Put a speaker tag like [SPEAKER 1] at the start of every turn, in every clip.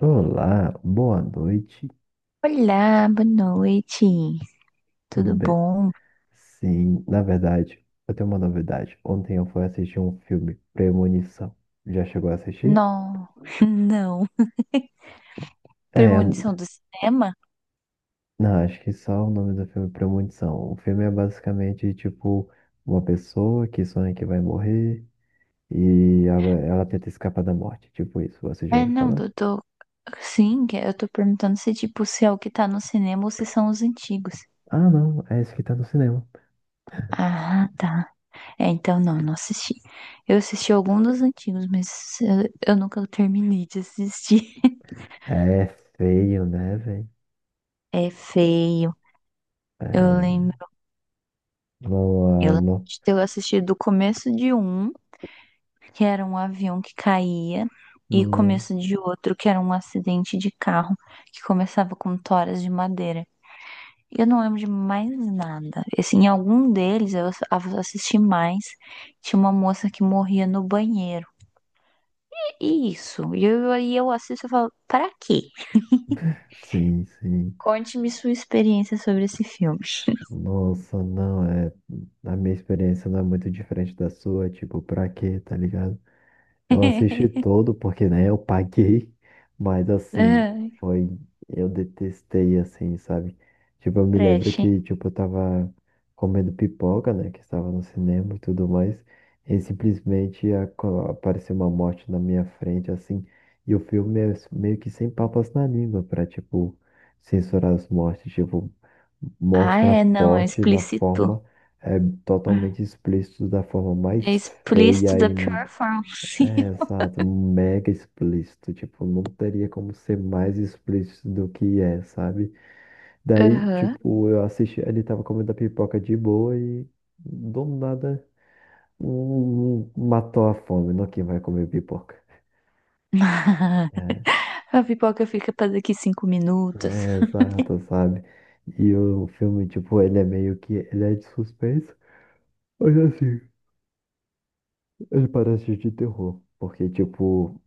[SPEAKER 1] Olá, boa noite,
[SPEAKER 2] Olá, boa noite.
[SPEAKER 1] tudo
[SPEAKER 2] Tudo
[SPEAKER 1] bem?
[SPEAKER 2] bom?
[SPEAKER 1] Sim, na verdade, eu tenho uma novidade. Ontem eu fui assistir um filme, Premonição. Já chegou a assistir?
[SPEAKER 2] Não, não.
[SPEAKER 1] É,
[SPEAKER 2] Premonição do cinema?
[SPEAKER 1] não, acho que só o nome do filme é Premonição. O filme é basicamente tipo uma pessoa que sonha que vai morrer e ela tenta escapar da morte, tipo isso. Você já
[SPEAKER 2] É,
[SPEAKER 1] ouviu
[SPEAKER 2] não,
[SPEAKER 1] falar?
[SPEAKER 2] eu tô. Sim, que eu tô perguntando se, tipo, se é o que tá no cinema ou se são os antigos.
[SPEAKER 1] Ah, não, é esse que tá no cinema.
[SPEAKER 2] Ah, tá. É, então não, não assisti. Eu assisti algum dos antigos, mas eu nunca terminei de assistir.
[SPEAKER 1] É feio, né, velho?
[SPEAKER 2] É feio.
[SPEAKER 1] É,
[SPEAKER 2] Eu lembro,
[SPEAKER 1] não,
[SPEAKER 2] eu
[SPEAKER 1] ah,
[SPEAKER 2] lembro
[SPEAKER 1] não,
[SPEAKER 2] de ter assistido o começo de um que era um avião que caía, e
[SPEAKER 1] não.
[SPEAKER 2] começo de outro, que era um acidente de carro, que começava com toras de madeira. E eu não lembro de mais nada. Assim, em algum deles eu assisti mais. Tinha uma moça que morria no banheiro. E isso. E aí eu assisto e falo, pra quê?
[SPEAKER 1] Sim, sim.
[SPEAKER 2] Conte-me sua experiência sobre esse filme.
[SPEAKER 1] Nossa, não, é. A minha experiência não é muito diferente da sua, tipo, pra quê, tá ligado? Eu assisti todo, porque, né, eu paguei, mas assim,
[SPEAKER 2] Ai,
[SPEAKER 1] foi, eu detestei, assim, sabe? Tipo, eu me lembro
[SPEAKER 2] Trash.
[SPEAKER 1] que, tipo, eu tava comendo pipoca, né, que estava no cinema e tudo mais, e simplesmente apareceu uma morte na minha frente, assim, e o filme é meio que sem papas na língua pra, tipo, censurar as mortes, tipo,
[SPEAKER 2] Ah,
[SPEAKER 1] mostra
[SPEAKER 2] é, não, é
[SPEAKER 1] forte na
[SPEAKER 2] explícito.
[SPEAKER 1] forma, é totalmente explícito, da forma
[SPEAKER 2] É
[SPEAKER 1] mais
[SPEAKER 2] explícito
[SPEAKER 1] feia
[SPEAKER 2] da
[SPEAKER 1] e
[SPEAKER 2] pior forma
[SPEAKER 1] é,
[SPEAKER 2] possível.
[SPEAKER 1] exato, mega explícito, tipo, não teria como ser mais explícito do que é, sabe? Daí,
[SPEAKER 2] Aham.
[SPEAKER 1] tipo, eu assisti, ele tava comendo a pipoca de boa e do nada um matou a fome, não quem vai comer pipoca. É,
[SPEAKER 2] A pipoca fica para daqui 5 minutos.
[SPEAKER 1] é, exato, sabe? E o filme, tipo, ele é meio que, ele é de suspense, mas assim, ele parece de terror, porque, tipo,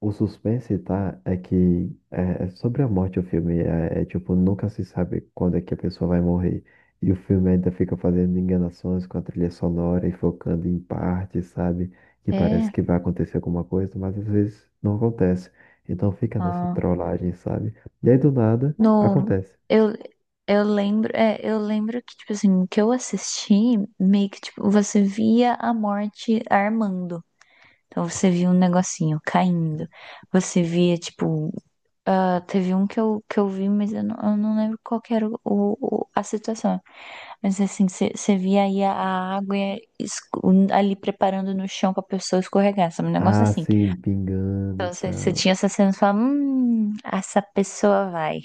[SPEAKER 1] o suspense, tá? É que é sobre a morte o filme. É, é tipo, nunca se sabe quando é que a pessoa vai morrer. E o filme ainda fica fazendo enganações com a trilha sonora e focando em partes, sabe? Que parece
[SPEAKER 2] É.
[SPEAKER 1] que vai acontecer alguma coisa, mas às vezes não acontece. Então fica nessa
[SPEAKER 2] ah,
[SPEAKER 1] trollagem, sabe? E aí do nada,
[SPEAKER 2] no,
[SPEAKER 1] acontece.
[SPEAKER 2] eu, eu lembro que, tipo assim, que eu assisti, meio que, tipo, você via a morte armando. Então você via um negocinho caindo. Você via, tipo, teve um que eu vi, mas eu não lembro qual que era a situação. Mas assim, você via aí a água e ali preparando no chão pra pessoa escorregar. Sabe? Um negócio
[SPEAKER 1] Ah,
[SPEAKER 2] assim.
[SPEAKER 1] sim, pingando e
[SPEAKER 2] Então você
[SPEAKER 1] tal.
[SPEAKER 2] tinha essa cena e falava, essa pessoa vai.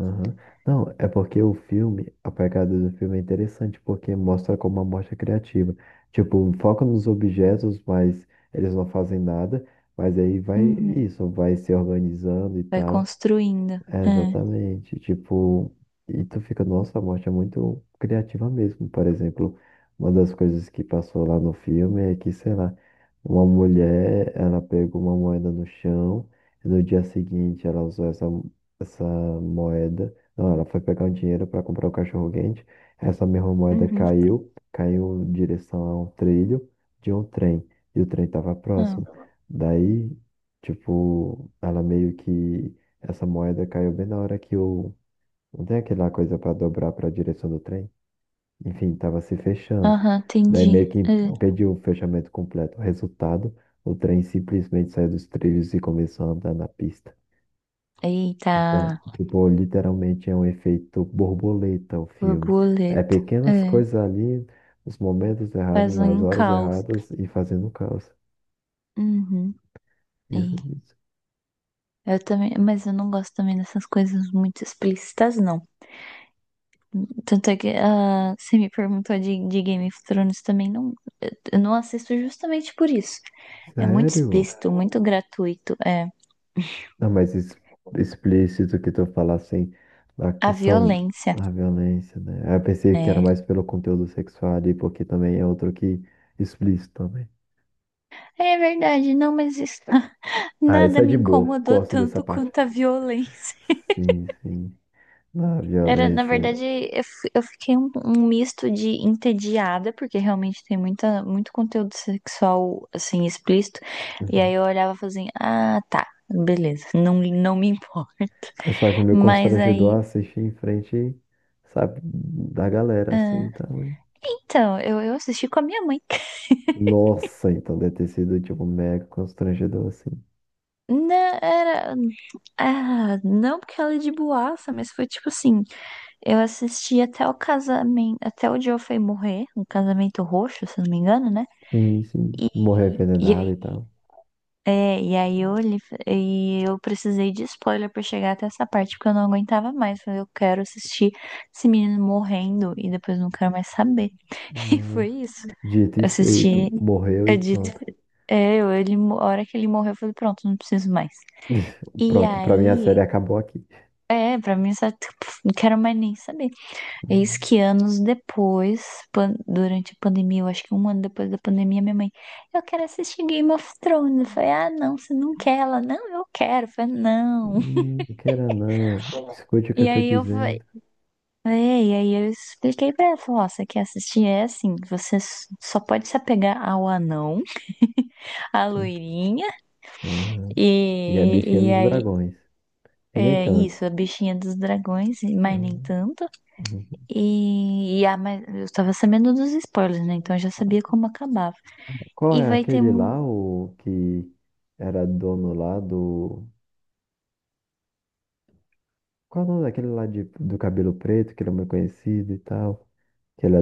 [SPEAKER 1] Aham. Não, é porque o filme, a pegada do filme é interessante, porque mostra como uma morte é criativa. Tipo, foca nos objetos, mas eles não fazem nada, mas aí vai
[SPEAKER 2] Uhum.
[SPEAKER 1] isso, vai se organizando e
[SPEAKER 2] Vai
[SPEAKER 1] tal.
[SPEAKER 2] construindo.
[SPEAKER 1] É,
[SPEAKER 2] É.
[SPEAKER 1] exatamente. Tipo, e tu fica, nossa, a morte é muito criativa mesmo. Por exemplo, uma das coisas que passou lá no filme é que, sei lá, uma mulher, ela pegou uma moeda no chão e no dia seguinte ela usou essa moeda. Não, ela foi pegar o dinheiro para comprar o cachorro-quente. Essa mesma moeda
[SPEAKER 2] Uhum.
[SPEAKER 1] caiu em direção a um trilho de um trem. E o trem estava próximo.
[SPEAKER 2] Ah,
[SPEAKER 1] Daí, tipo, ela meio que essa moeda caiu bem na hora que o. Não tem aquela coisa para dobrar para a direção do trem? Enfim, estava se fechando.
[SPEAKER 2] aham,
[SPEAKER 1] Daí
[SPEAKER 2] entendi.
[SPEAKER 1] meio que
[SPEAKER 2] É.
[SPEAKER 1] impediu o fechamento completo. O resultado, o trem simplesmente saiu dos trilhos e começou a andar na pista.
[SPEAKER 2] Eita,
[SPEAKER 1] Então, tipo, literalmente é um efeito borboleta o filme. É
[SPEAKER 2] borboleta.
[SPEAKER 1] pequenas
[SPEAKER 2] É.
[SPEAKER 1] coisas ali, os momentos errados,
[SPEAKER 2] Faz
[SPEAKER 1] nas
[SPEAKER 2] um
[SPEAKER 1] horas
[SPEAKER 2] caos.
[SPEAKER 1] erradas e fazendo caos.
[SPEAKER 2] Uhum. É.
[SPEAKER 1] Isso, isso.
[SPEAKER 2] Eu também, mas eu não gosto também dessas coisas muito explícitas, não. Tanto é que você me perguntou de Game of Thrones também, não, eu não assisto justamente por isso. É muito
[SPEAKER 1] Sério?
[SPEAKER 2] explícito, muito gratuito. É.
[SPEAKER 1] Não, mas explícito que tu fala assim, a
[SPEAKER 2] A
[SPEAKER 1] questão
[SPEAKER 2] violência,
[SPEAKER 1] da violência, né? Aí eu pensei que era
[SPEAKER 2] né?
[SPEAKER 1] mais pelo conteúdo sexual ali, porque também é outro que explícito também.
[SPEAKER 2] É verdade, não, mas
[SPEAKER 1] Ah,
[SPEAKER 2] nada
[SPEAKER 1] essa é
[SPEAKER 2] me
[SPEAKER 1] de boa,
[SPEAKER 2] incomodou
[SPEAKER 1] gosto dessa
[SPEAKER 2] tanto
[SPEAKER 1] parte.
[SPEAKER 2] quanto a violência.
[SPEAKER 1] Sim, sim, na
[SPEAKER 2] Era, na
[SPEAKER 1] violência.
[SPEAKER 2] verdade, eu fiquei um misto de entediada, porque realmente tem muita, muito conteúdo sexual, assim, explícito. E aí
[SPEAKER 1] Uhum.
[SPEAKER 2] eu olhava e falava assim, ah, tá, beleza, não, não me importa.
[SPEAKER 1] Eu só acho meio
[SPEAKER 2] Mas aí,
[SPEAKER 1] constrangedor assistir em frente, sabe, da galera, assim,
[SPEAKER 2] ah,
[SPEAKER 1] então, hein?
[SPEAKER 2] então, eu assisti com a minha mãe.
[SPEAKER 1] Nossa, então deve ter sido, tipo, mega constrangedor, assim.
[SPEAKER 2] Não, era, não porque ela é de boaça, mas foi tipo assim, eu assisti até o casamento, até o Joe foi morrer, um casamento roxo, se não me engano, né?
[SPEAKER 1] Sim, sim,
[SPEAKER 2] E,
[SPEAKER 1] morrer
[SPEAKER 2] e,
[SPEAKER 1] envenenado
[SPEAKER 2] aí,
[SPEAKER 1] e tal.
[SPEAKER 2] e aí eu olhei e eu precisei de spoiler pra chegar até essa parte, porque eu não aguentava mais. Falei, eu quero assistir esse menino morrendo e depois não quero mais saber. E foi
[SPEAKER 1] Nossa.
[SPEAKER 2] isso.
[SPEAKER 1] Dito e
[SPEAKER 2] Eu
[SPEAKER 1] feito.
[SPEAKER 2] assisti,
[SPEAKER 1] Morreu e
[SPEAKER 2] eu dito,
[SPEAKER 1] pronto.
[SPEAKER 2] a hora que ele morreu, eu falei, pronto, não preciso mais. E
[SPEAKER 1] Pronto, pra mim a
[SPEAKER 2] aí,
[SPEAKER 1] série acabou aqui.
[SPEAKER 2] pra mim, só, tipo, não quero mais nem saber. Eis
[SPEAKER 1] Hum,
[SPEAKER 2] que anos depois, durante a pandemia, eu acho que um ano depois da pandemia, minha mãe, eu quero assistir Game of Thrones. Eu falei, ah, não, você não quer? Ela, não, eu quero. Eu falei, não.
[SPEAKER 1] não, não queira não. Escute o que eu
[SPEAKER 2] E
[SPEAKER 1] tô
[SPEAKER 2] aí eu falei,
[SPEAKER 1] dizendo.
[SPEAKER 2] e aí eu expliquei pra ela, falei, ó, você quer assistir? É assim, você só pode se apegar ao anão, à
[SPEAKER 1] Sim.
[SPEAKER 2] loirinha,
[SPEAKER 1] Ah, e a
[SPEAKER 2] e,
[SPEAKER 1] bichinha
[SPEAKER 2] e
[SPEAKER 1] dos
[SPEAKER 2] aí,
[SPEAKER 1] dragões. E nem
[SPEAKER 2] é
[SPEAKER 1] tanto.
[SPEAKER 2] isso, a bichinha dos dragões, mas nem
[SPEAKER 1] Ah,
[SPEAKER 2] tanto.
[SPEAKER 1] uhum.
[SPEAKER 2] E, mas eu tava sabendo dos spoilers, né? Então eu já sabia como acabava.
[SPEAKER 1] Qual
[SPEAKER 2] E
[SPEAKER 1] é
[SPEAKER 2] vai ter
[SPEAKER 1] aquele
[SPEAKER 2] um.
[SPEAKER 1] lá, o que era dono lá do. Qual é o nome daquele lá de, do cabelo preto, que ele é muito conhecido e tal? Que ele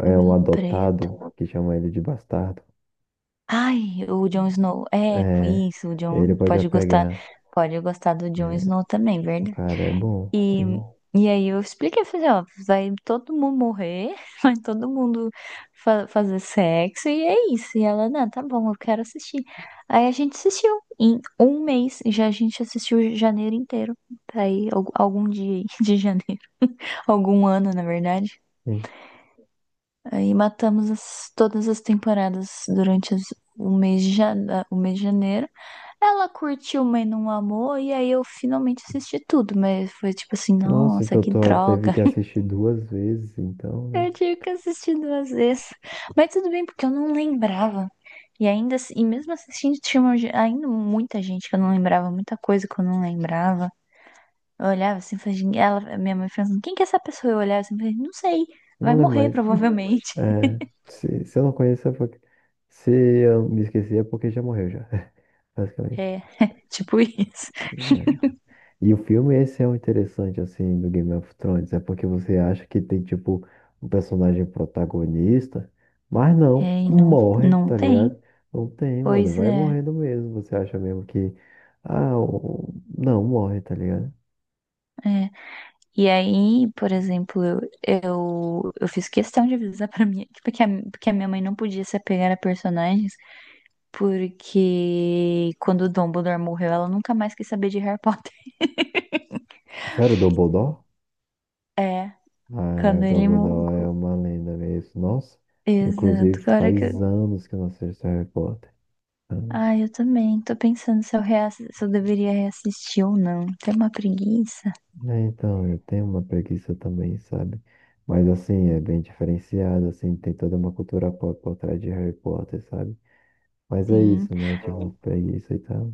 [SPEAKER 1] é, é um
[SPEAKER 2] Cabelo
[SPEAKER 1] adotado,
[SPEAKER 2] preto.
[SPEAKER 1] que chamam ele de bastardo.
[SPEAKER 2] Ai, o Jon
[SPEAKER 1] Hum.
[SPEAKER 2] Snow. É,
[SPEAKER 1] É,
[SPEAKER 2] isso, o Jon
[SPEAKER 1] ele pode já
[SPEAKER 2] pode gostar.
[SPEAKER 1] pegar.
[SPEAKER 2] Pode gostar do Jon Snow também,
[SPEAKER 1] O
[SPEAKER 2] verdade?
[SPEAKER 1] cara é bom.
[SPEAKER 2] E,
[SPEAKER 1] Hum,
[SPEAKER 2] e aí eu expliquei, eu falei, ó, vai todo mundo morrer, vai todo mundo fazer sexo, e é isso. E ela, não, tá bom, eu quero assistir. Aí a gente assistiu em um mês, já a gente assistiu janeiro inteiro. Tá aí, algum dia aí de janeiro. Algum ano, na verdade.
[SPEAKER 1] hum.
[SPEAKER 2] Aí matamos todas as temporadas durante o mês de o mês de janeiro. Ela curtiu, mas não amou, e aí eu finalmente assisti tudo, mas foi tipo assim,
[SPEAKER 1] Nossa,
[SPEAKER 2] nossa,
[SPEAKER 1] então
[SPEAKER 2] que
[SPEAKER 1] tu teve
[SPEAKER 2] droga.
[SPEAKER 1] que assistir duas vezes, então, né?
[SPEAKER 2] Eu tive que assistir duas vezes. Mas tudo bem, porque eu não lembrava. E ainda, e mesmo assistindo, tinha uma ainda muita gente que eu não lembrava, muita coisa que eu não lembrava. Eu olhava assim, falei, "Gente", ela, minha mãe falando, quem que é essa pessoa? Eu olhava assim, falei, não sei, vai
[SPEAKER 1] Não lembro
[SPEAKER 2] morrer
[SPEAKER 1] mais.
[SPEAKER 2] provavelmente.
[SPEAKER 1] É, se eu não conheço, é porque... Se eu me esqueci, é porque já morreu, já. Basicamente.
[SPEAKER 2] É, tipo isso.
[SPEAKER 1] É. E o filme, esse é o interessante, assim, do Game of Thrones. É porque você acha que tem, tipo, um personagem protagonista, mas não,
[SPEAKER 2] É, e não,
[SPEAKER 1] morre,
[SPEAKER 2] não
[SPEAKER 1] tá ligado?
[SPEAKER 2] tem.
[SPEAKER 1] Não tem, mano,
[SPEAKER 2] Pois
[SPEAKER 1] vai
[SPEAKER 2] é,
[SPEAKER 1] morrendo mesmo. Você acha mesmo que. Ah, o- não, morre, tá ligado?
[SPEAKER 2] é. E aí, por exemplo, eu fiz questão de avisar pra minha, porque que a minha mãe não podia se apegar a personagens, porque quando o Dumbledore morreu, ela nunca mais quis saber de Harry Potter.
[SPEAKER 1] Sério, Dumbledore?
[SPEAKER 2] É,
[SPEAKER 1] Ah,
[SPEAKER 2] quando
[SPEAKER 1] o
[SPEAKER 2] ele
[SPEAKER 1] Dumbledore é
[SPEAKER 2] morreu.
[SPEAKER 1] uma lenda mesmo. Nossa,
[SPEAKER 2] Exato.
[SPEAKER 1] inclusive
[SPEAKER 2] Agora que
[SPEAKER 1] faz
[SPEAKER 2] eu.
[SPEAKER 1] anos que eu não assisto Harry Potter. Anos.
[SPEAKER 2] Ah, eu também. Tô pensando se eu deveria reassistir ou não. Tem uma preguiça.
[SPEAKER 1] É, então, eu tenho uma preguiça também, sabe? Mas assim, é bem diferenciado, assim, tem toda uma cultura pop por trás de Harry Potter, sabe? Mas é
[SPEAKER 2] Sim.
[SPEAKER 1] isso, né? Tipo, preguiça e tal.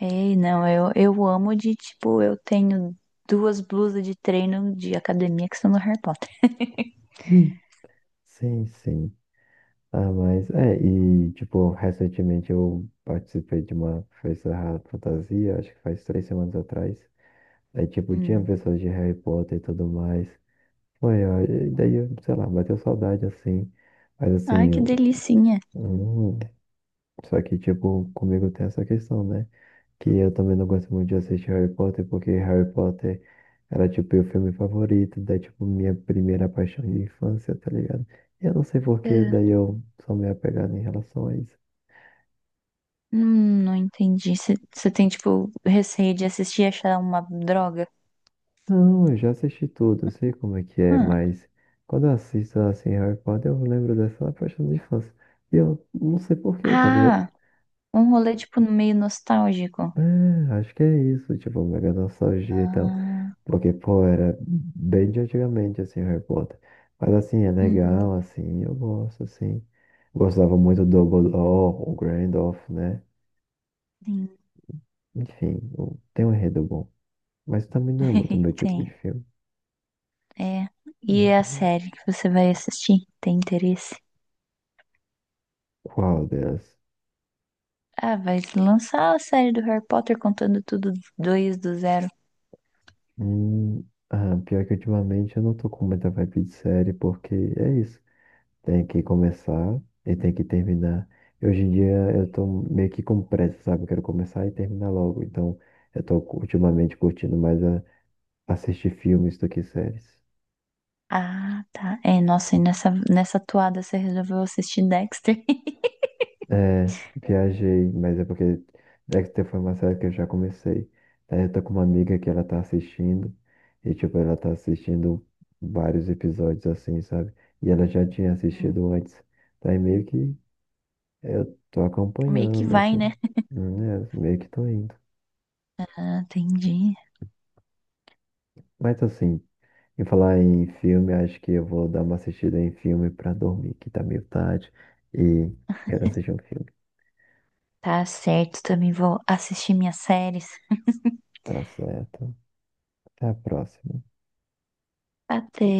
[SPEAKER 2] Ei, não, eu amo de, tipo, eu tenho duas blusas de treino de academia que são do Harry Potter.
[SPEAKER 1] Hum. Sim, sim. Ah, mas é, e tipo, recentemente eu participei de uma festa ra- fantasia, acho que faz 3 semanas atrás. Aí, tipo, tinha
[SPEAKER 2] Hum.
[SPEAKER 1] pessoas de Harry Potter e tudo mais. Foi, ó, e daí, eu, sei lá, bateu saudade assim, mas
[SPEAKER 2] Ai,
[SPEAKER 1] assim,
[SPEAKER 2] que
[SPEAKER 1] eu-
[SPEAKER 2] delicinha.
[SPEAKER 1] hum, só que tipo, comigo tem essa questão, né? Que eu também não gosto muito de assistir Harry Potter, porque Harry Potter era tipo meu filme favorito, daí tipo minha primeira paixão de infância, tá ligado? E eu não sei por que,
[SPEAKER 2] É.
[SPEAKER 1] daí eu sou meio apegado em relação a isso.
[SPEAKER 2] Não entendi. Você tem, tipo, receio de assistir e achar uma droga?
[SPEAKER 1] Não, eu já assisti tudo, eu sei como é que é,
[SPEAKER 2] Hum.
[SPEAKER 1] mas quando eu assisto assim Harry Potter, eu lembro dessa paixão de infância. E eu não sei por quê, tá ligado?
[SPEAKER 2] Ah, um rolê, tipo, meio nostálgico.
[SPEAKER 1] É, acho que é isso, tipo, mega nostalgia e tal.
[SPEAKER 2] Ah,
[SPEAKER 1] Porque, pô, era bem de antigamente, assim, Harry Potter. Mas, assim, é
[SPEAKER 2] uhum,
[SPEAKER 1] legal, assim, eu gosto, assim. Gostava muito do Dumbledore, o Gandalf, né?
[SPEAKER 2] sim.
[SPEAKER 1] Enfim, o- tem um enredo bom. Mas também não é muito meu tipo de
[SPEAKER 2] Tem,
[SPEAKER 1] filme.
[SPEAKER 2] é. E a
[SPEAKER 1] Uhum.
[SPEAKER 2] série que você vai assistir? Tem interesse?
[SPEAKER 1] Qual delas?
[SPEAKER 2] Ah, vai lançar a série do Harry Potter contando tudo dois do zero.
[SPEAKER 1] Hum, ah, pior que ultimamente eu não tô com muita vibe de série, porque é isso. Tem que começar e tem que terminar. Hoje em dia eu tô meio que com pressa, sabe? Eu quero começar e terminar logo. Então eu tô ultimamente curtindo mais assistir filmes do que séries.
[SPEAKER 2] Ah, tá. É, nossa, e nessa toada você resolveu assistir Dexter?
[SPEAKER 1] É, viajei, mas é porque Dexter foi uma série que eu já comecei. Aí eu tô com uma amiga que ela tá assistindo e, tipo, ela tá assistindo vários episódios assim, sabe? E ela já tinha
[SPEAKER 2] Hum,
[SPEAKER 1] assistido antes. Daí meio que eu tô
[SPEAKER 2] meio que
[SPEAKER 1] acompanhando,
[SPEAKER 2] vai,
[SPEAKER 1] assim,
[SPEAKER 2] né?
[SPEAKER 1] né? Meio que tô indo.
[SPEAKER 2] Ah, entendi.
[SPEAKER 1] Mas assim, em falar em filme, acho que eu vou dar uma assistida em filme pra dormir, que tá meio tarde. E quero assistir um filme.
[SPEAKER 2] Tá certo, também vou assistir minhas séries.
[SPEAKER 1] Tá certo. Até a próxima.
[SPEAKER 2] Até.